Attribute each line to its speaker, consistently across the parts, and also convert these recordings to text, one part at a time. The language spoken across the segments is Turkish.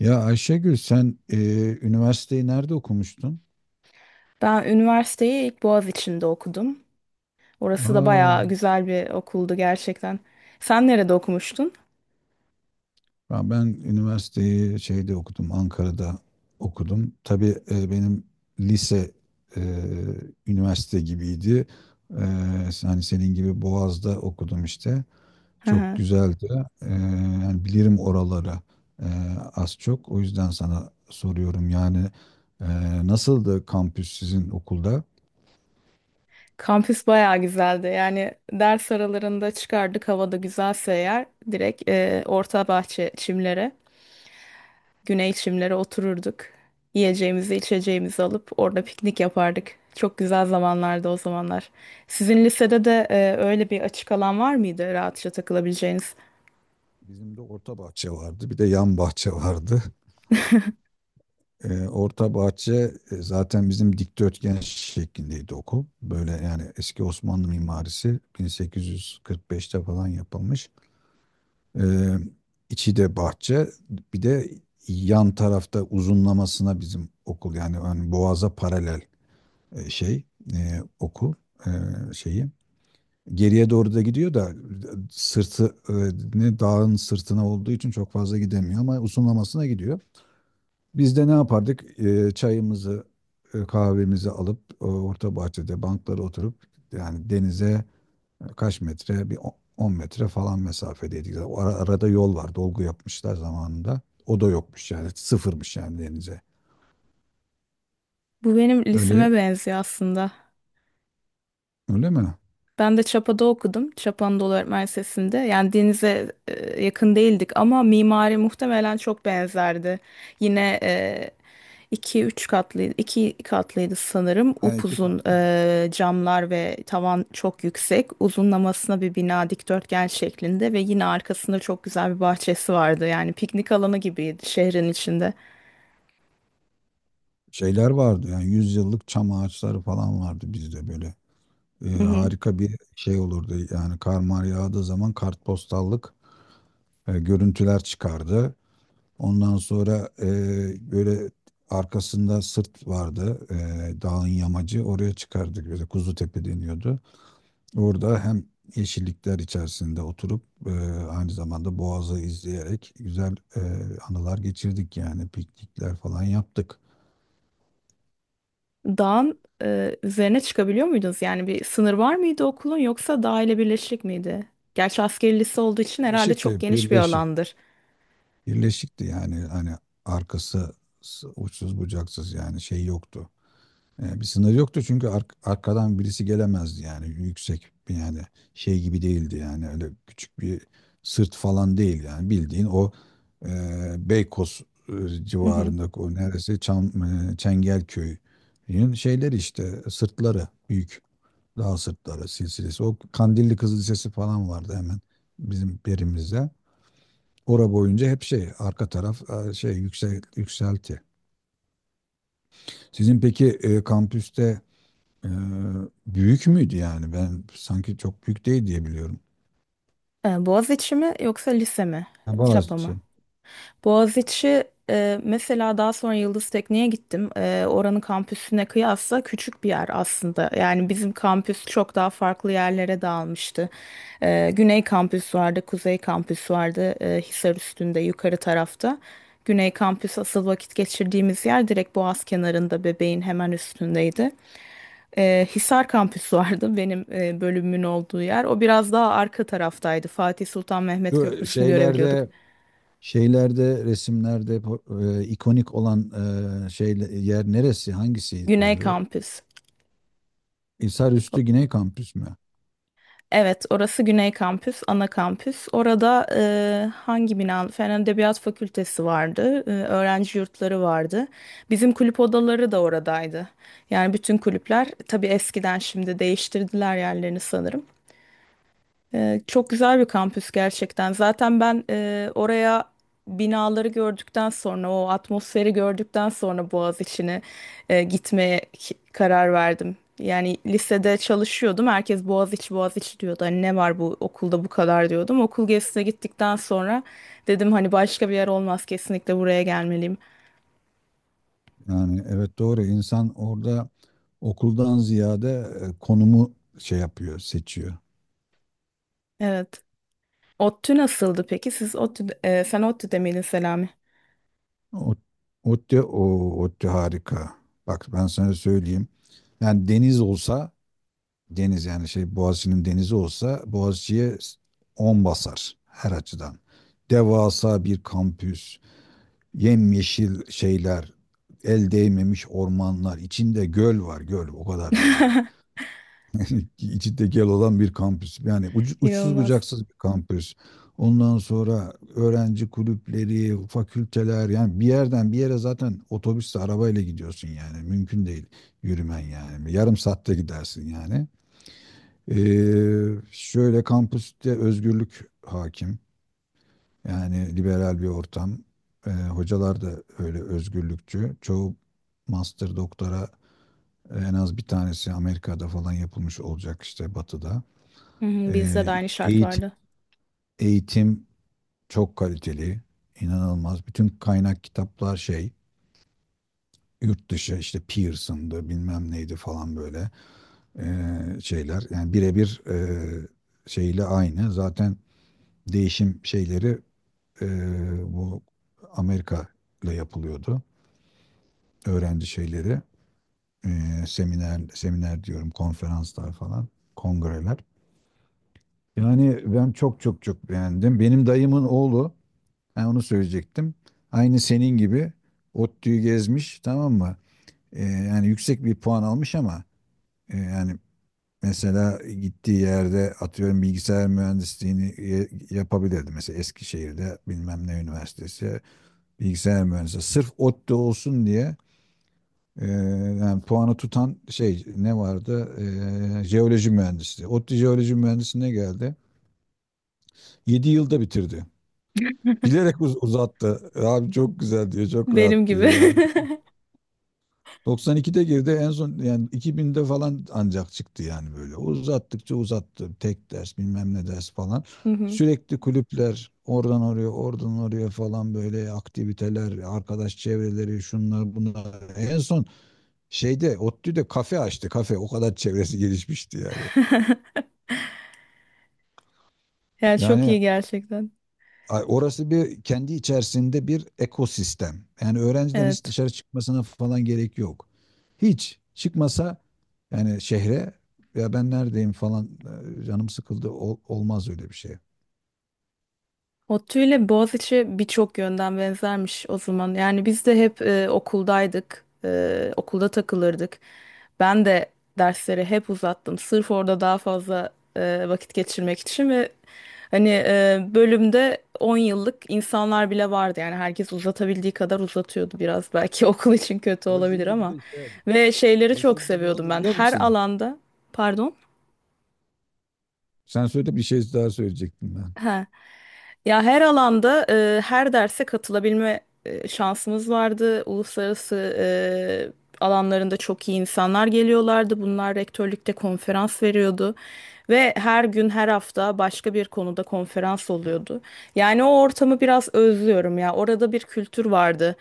Speaker 1: Ya Ayşegül sen üniversiteyi nerede okumuştun?
Speaker 2: Ben üniversiteyi ilk Boğaziçi'nde okudum. Orası da
Speaker 1: Aa,
Speaker 2: bayağı güzel bir okuldu gerçekten. Sen nerede okumuştun?
Speaker 1: ya ben üniversiteyi şeyde okudum, Ankara'da okudum. Tabii benim lise e, üniversite gibiydi. E, Hani senin gibi Boğaz'da okudum işte.
Speaker 2: Hı
Speaker 1: Çok
Speaker 2: hı.
Speaker 1: güzeldi. E, Yani bilirim oraları e, az çok. O yüzden sana soruyorum yani e, nasıldı kampüs sizin okulda?
Speaker 2: Kampüs bayağı güzeldi. Yani ders aralarında çıkardık havada güzelse eğer direkt orta bahçe çimlere, güney çimlere otururduk. Yiyeceğimizi, içeceğimizi alıp orada piknik yapardık. Çok güzel zamanlardı o zamanlar. Sizin lisede de öyle bir açık alan var mıydı rahatça takılabileceğiniz?
Speaker 1: Bizim de orta bahçe vardı, bir de yan bahçe vardı. Orta bahçe zaten bizim dikdörtgen şeklindeydi okul. Böyle yani eski Osmanlı mimarisi 1845'te falan yapılmış. Ee, içi de bahçe. Bir de yan tarafta uzunlamasına bizim okul yani ön Boğaz'a paralel e, şey okul e, şeyi. Geriye doğru da gidiyor da sırtı ne dağın sırtına olduğu için çok fazla gidemiyor ama uzunlamasına gidiyor. Biz de ne yapardık? Çayımızı, kahvemizi alıp orta bahçede banklara oturup yani denize kaç metre? Bir 10 metre falan mesafedeydik. O arada yol var. Dolgu yapmışlar zamanında. O da yokmuş yani. Sıfırmış yani denize.
Speaker 2: Bu benim
Speaker 1: Öyle
Speaker 2: liseme benziyor aslında.
Speaker 1: öyle mi?
Speaker 2: Ben de Çapa'da okudum. Çapa Anadolu Öğretmen Lisesi'nde. Yani denize yakın değildik ama mimari muhtemelen çok benzerdi. Yine iki üç katlıydı, iki katlıydı sanırım.
Speaker 1: Ha, iki
Speaker 2: Upuzun
Speaker 1: katlı.
Speaker 2: camlar ve tavan çok yüksek. Uzunlamasına bir bina dikdörtgen şeklinde ve yine arkasında çok güzel bir bahçesi vardı. Yani piknik alanı gibiydi şehrin içinde.
Speaker 1: Şeyler vardı yani yüzyıllık çam ağaçları falan vardı bizde böyle. Harika bir şey olurdu yani kar mar yağdığı zaman kartpostallık görüntüler çıkardı. Ondan sonra böyle arkasında sırt vardı, dağın yamacı oraya çıkardık. Böyle Kuzutepe deniyordu. Orada hem yeşillikler içerisinde oturup e, aynı zamanda Boğaz'ı izleyerek güzel anılar geçirdik yani piknikler falan yaptık.
Speaker 2: Dağın üzerine çıkabiliyor muydunuz? Yani bir sınır var mıydı okulun yoksa dağ ile birleşik miydi? Gerçi askeri lise olduğu için herhalde çok
Speaker 1: Birleşikti,
Speaker 2: geniş bir
Speaker 1: birleşik.
Speaker 2: alandır.
Speaker 1: Birleşikti yani hani arkası uçsuz bucaksız yani şey yoktu. Bir sınır yoktu çünkü arkadan birisi gelemezdi yani yüksek bir yani şey gibi değildi yani öyle küçük bir sırt falan değil yani bildiğin o e, Beykoz
Speaker 2: Hı hı.
Speaker 1: civarındaki o neresi Çam, Çengelköy'ün şeyleri işte sırtları büyük dağ sırtları silsilesi, o Kandilli Kızıl Lisesi falan vardı hemen bizim perimizde. Ora boyunca hep şey arka taraf yükselti. Sizin peki kampüste Ee, büyük müydü yani? Ben sanki çok büyük değil diye biliyorum.
Speaker 2: Boğaziçi mi yoksa lise mi?
Speaker 1: Ha,
Speaker 2: Çapa mı?
Speaker 1: Boğaziçi.
Speaker 2: Boğaziçi mesela daha sonra Yıldız Tekniğe gittim. Oranın kampüsüne kıyasla küçük bir yer aslında. Yani bizim kampüs çok daha farklı yerlere dağılmıştı. Güney kampüs vardı, Kuzey kampüs vardı, Hisar üstünde yukarı tarafta. Güney kampüs asıl vakit geçirdiğimiz yer direkt Boğaz kenarında Bebeğin hemen üstündeydi. Hisar kampüs vardı benim bölümümün olduğu yer. O biraz daha arka taraftaydı. Fatih Sultan Mehmet
Speaker 1: Şu
Speaker 2: Köprüsü'nü görebiliyorduk.
Speaker 1: şeylerde şeylerde resimlerde ikonik olan yer neresi? Hangisi
Speaker 2: Güney
Speaker 1: oluyor?
Speaker 2: kampüs.
Speaker 1: Hisarüstü Güney Kampüs mü?
Speaker 2: Evet, orası Güney Kampüs, ana kampüs. Orada hangi bina? Fen Edebiyat Fakültesi vardı, öğrenci yurtları vardı. Bizim kulüp odaları da oradaydı. Yani bütün kulüpler, tabii eskiden şimdi değiştirdiler yerlerini sanırım. Çok güzel bir kampüs gerçekten. Zaten ben oraya binaları gördükten sonra, o atmosferi gördükten sonra Boğaziçi'ne gitmeye karar verdim. Yani lisede çalışıyordum. Herkes Boğaziçi, Boğaziçi diyordu. Hani ne var bu okulda bu kadar diyordum. Okul gezisine gittikten sonra dedim hani başka bir yer olmaz kesinlikle buraya gelmeliyim.
Speaker 1: Yani evet doğru insan orada okuldan ziyade konumu şey yapıyor, seçiyor.
Speaker 2: Evet. ODTÜ nasıldı peki? Siz ODTÜ, sen ODTÜ'de miydin Selami?
Speaker 1: O o ODTÜ harika. Bak ben sana söyleyeyim. Yani deniz olsa deniz yani şey Boğaziçi'nin denizi olsa Boğaziçi'ye 10 basar her açıdan. Devasa bir kampüs, yemyeşil şeyler, el değmemiş ormanlar, içinde göl var göl o kadar yani. içi tekel olan bir kampüs. Yani uçsuz
Speaker 2: İnanılmaz.
Speaker 1: bucaksız bir kampüs. Ondan sonra öğrenci kulüpleri, fakülteler yani bir yerden bir yere zaten otobüsle arabayla gidiyorsun yani mümkün değil yürümen yani yarım saatte gidersin yani. Şöyle kampüste özgürlük hakim yani liberal bir ortam. Hocalar da öyle özgürlükçü. Çoğu master doktora en az bir tanesi Amerika'da falan yapılmış olacak işte Batı'da.
Speaker 2: Hı hı, bizde de
Speaker 1: Ee,
Speaker 2: aynı şart
Speaker 1: eğitim,
Speaker 2: vardı.
Speaker 1: eğitim çok kaliteli, inanılmaz. Bütün kaynak kitaplar şey, yurt dışı işte Pearson'dı bilmem neydi falan böyle şeyler. Yani birebir şeyle aynı. Zaten değişim şeyleri bu Amerika ile yapılıyordu. Öğrenci şeyleri, seminer diyorum, konferanslar falan, kongreler. Yani ben çok çok çok beğendim. Benim dayımın oğlu, ha, onu söyleyecektim. Aynı senin gibi ODTÜ'yü gezmiş, tamam mı? Yani yüksek bir puan almış ama yani mesela gittiği yerde atıyorum bilgisayar mühendisliğini yapabilirdi. Mesela Eskişehir'de bilmem ne üniversitesi bilgisayar mühendisliği. Sırf ODTÜ olsun diye e, yani puanı tutan şey ne vardı? Jeoloji mühendisliği. ODTÜ jeoloji mühendisliğine geldi. 7 yılda bitirdi. Bilerek uzattı. Abi çok güzel diyor, çok
Speaker 2: Benim
Speaker 1: rahat
Speaker 2: gibi.
Speaker 1: diyor. 92'de girdi en son yani 2000'de falan ancak çıktı yani böyle. Uzattıkça uzattı. Tek ders bilmem ne ders falan.
Speaker 2: Hı hı.
Speaker 1: Sürekli kulüpler oradan oraya oradan oraya falan böyle aktiviteler, arkadaş çevreleri şunlar bunlar. En son şeyde ODTÜ'de kafe açtı kafe, o kadar çevresi gelişmişti yani.
Speaker 2: Yani çok
Speaker 1: Yani
Speaker 2: iyi gerçekten.
Speaker 1: ay, orası bir kendi içerisinde bir ekosistem. Yani öğrenciden hiç
Speaker 2: Evet.
Speaker 1: dışarı çıkmasına falan gerek yok. Hiç çıkmasa yani şehre ya ben neredeyim falan canım sıkıldı olmaz öyle bir şey.
Speaker 2: ODTÜ ile Boğaziçi birçok yönden benzermiş o zaman. Yani biz de hep okuldaydık, okulda takılırdık. Ben de dersleri hep uzattım. Sırf orada daha fazla vakit geçirmek için ve hani bölümde 10 yıllık insanlar bile vardı. Yani herkes uzatabildiği kadar uzatıyordu biraz. Belki okul için kötü
Speaker 1: O
Speaker 2: olabilir
Speaker 1: şimdi bir
Speaker 2: ama.
Speaker 1: de şey yapıyor.
Speaker 2: Ve şeyleri
Speaker 1: O
Speaker 2: çok
Speaker 1: şimdi ne
Speaker 2: seviyordum
Speaker 1: oldu
Speaker 2: ben.
Speaker 1: biliyor
Speaker 2: Her
Speaker 1: musun?
Speaker 2: alanda, pardon.
Speaker 1: Sen söyle, bir şey daha söyleyecektim ben.
Speaker 2: He. Ya her alanda her derse katılabilme şansımız vardı. Uluslararası alanlarında çok iyi insanlar geliyorlardı. Bunlar rektörlükte konferans veriyordu ve her gün her hafta başka bir konuda konferans oluyordu. Yani o ortamı biraz özlüyorum ya. Orada bir kültür vardı.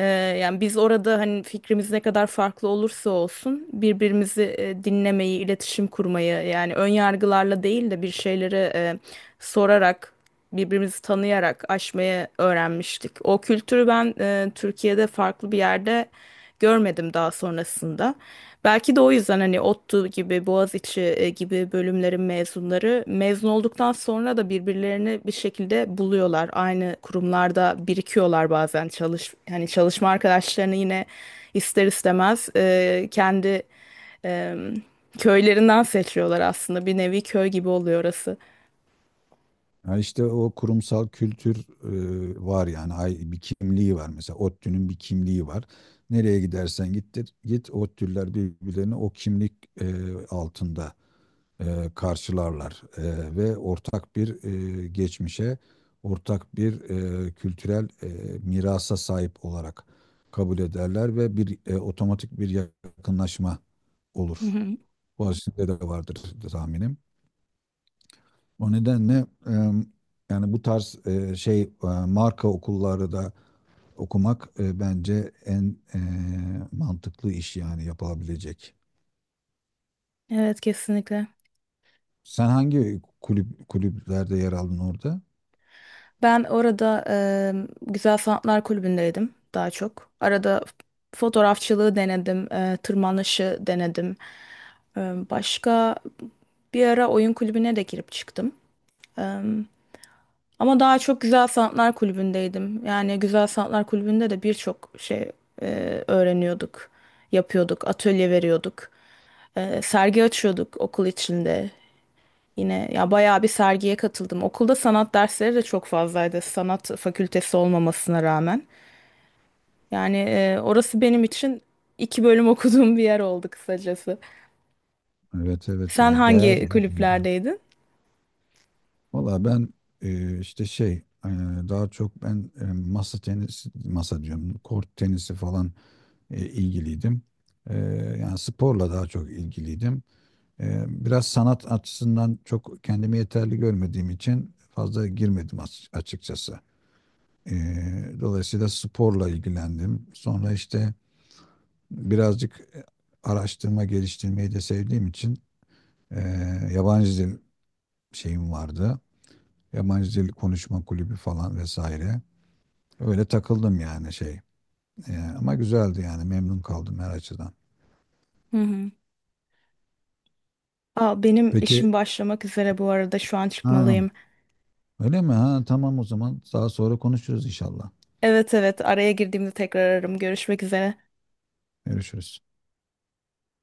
Speaker 2: Ee, yani biz orada hani fikrimiz ne kadar farklı olursa olsun birbirimizi dinlemeyi, iletişim kurmayı yani ön yargılarla değil de bir şeyleri sorarak birbirimizi tanıyarak aşmayı öğrenmiştik. O kültürü ben Türkiye'de farklı bir yerde görmedim daha sonrasında. Belki de o yüzden hani ODTÜ gibi, Boğaziçi gibi bölümlerin mezunları mezun olduktan sonra da birbirlerini bir şekilde buluyorlar. Aynı kurumlarda birikiyorlar bazen hani çalışma arkadaşlarını yine ister istemez kendi e, köylerinden seçiyorlar aslında. Bir nevi köy gibi oluyor orası.
Speaker 1: Ha işte o kurumsal kültür var yani ay bir kimliği var, mesela ODTÜ'nün bir kimliği var. Nereye gidersen gittir git ODTÜ'lüler birbirlerini o kimlik altında karşılarlar. Ve ortak bir geçmişe, ortak bir kültürel mirasa sahip olarak kabul ederler ve bir otomatik bir yakınlaşma
Speaker 2: Hı
Speaker 1: olur.
Speaker 2: hı.
Speaker 1: Bu de vardır tahminim. O nedenle e, yani bu tarz marka okulları da okumak bence en mantıklı iş yani yapılabilecek.
Speaker 2: Evet kesinlikle.
Speaker 1: Sen hangi kulüp kulüplerde yer aldın orada?
Speaker 2: Ben orada Güzel Sanatlar Kulübü'ndeydim daha çok. Arada fotoğrafçılığı denedim, tırmanışı denedim. Eee, başka bir ara oyun kulübüne de girip çıktım. Eee, ama daha çok Güzel Sanatlar Kulübü'ndeydim. Yani Güzel Sanatlar Kulübü'nde de birçok şey öğreniyorduk, yapıyorduk, atölye veriyorduk. Sergi açıyorduk okul içinde. Yine ya bayağı bir sergiye katıldım. Okulda sanat dersleri de çok fazlaydı. Sanat fakültesi olmamasına rağmen. Yani orası benim için iki bölüm okuduğum bir yer oldu kısacası.
Speaker 1: Evet evet
Speaker 2: Sen
Speaker 1: ya değer
Speaker 2: hangi
Speaker 1: ya bence.
Speaker 2: kulüplerdeydin?
Speaker 1: Valla ben e, işte şey e, daha çok ben masa tenisi masa diyorum kort tenisi falan ilgiliydim. E, Yani sporla daha çok ilgiliydim. Biraz sanat açısından çok kendimi yeterli görmediğim için fazla girmedim açıkçası. E, Dolayısıyla sporla ilgilendim. Sonra işte birazcık araştırma geliştirmeyi de sevdiğim için e, yabancı dil şeyim vardı. Yabancı dil konuşma kulübü falan vesaire. Öyle takıldım yani şey. Ama güzeldi yani memnun kaldım her açıdan.
Speaker 2: Hı hı. Aa, benim
Speaker 1: Peki
Speaker 2: işim başlamak üzere bu arada şu an
Speaker 1: ha,
Speaker 2: çıkmalıyım.
Speaker 1: öyle mi? Ha, tamam o zaman. Daha sonra konuşuruz inşallah.
Speaker 2: Evet evet araya girdiğimde tekrar ararım. Görüşmek üzere.
Speaker 1: Görüşürüz.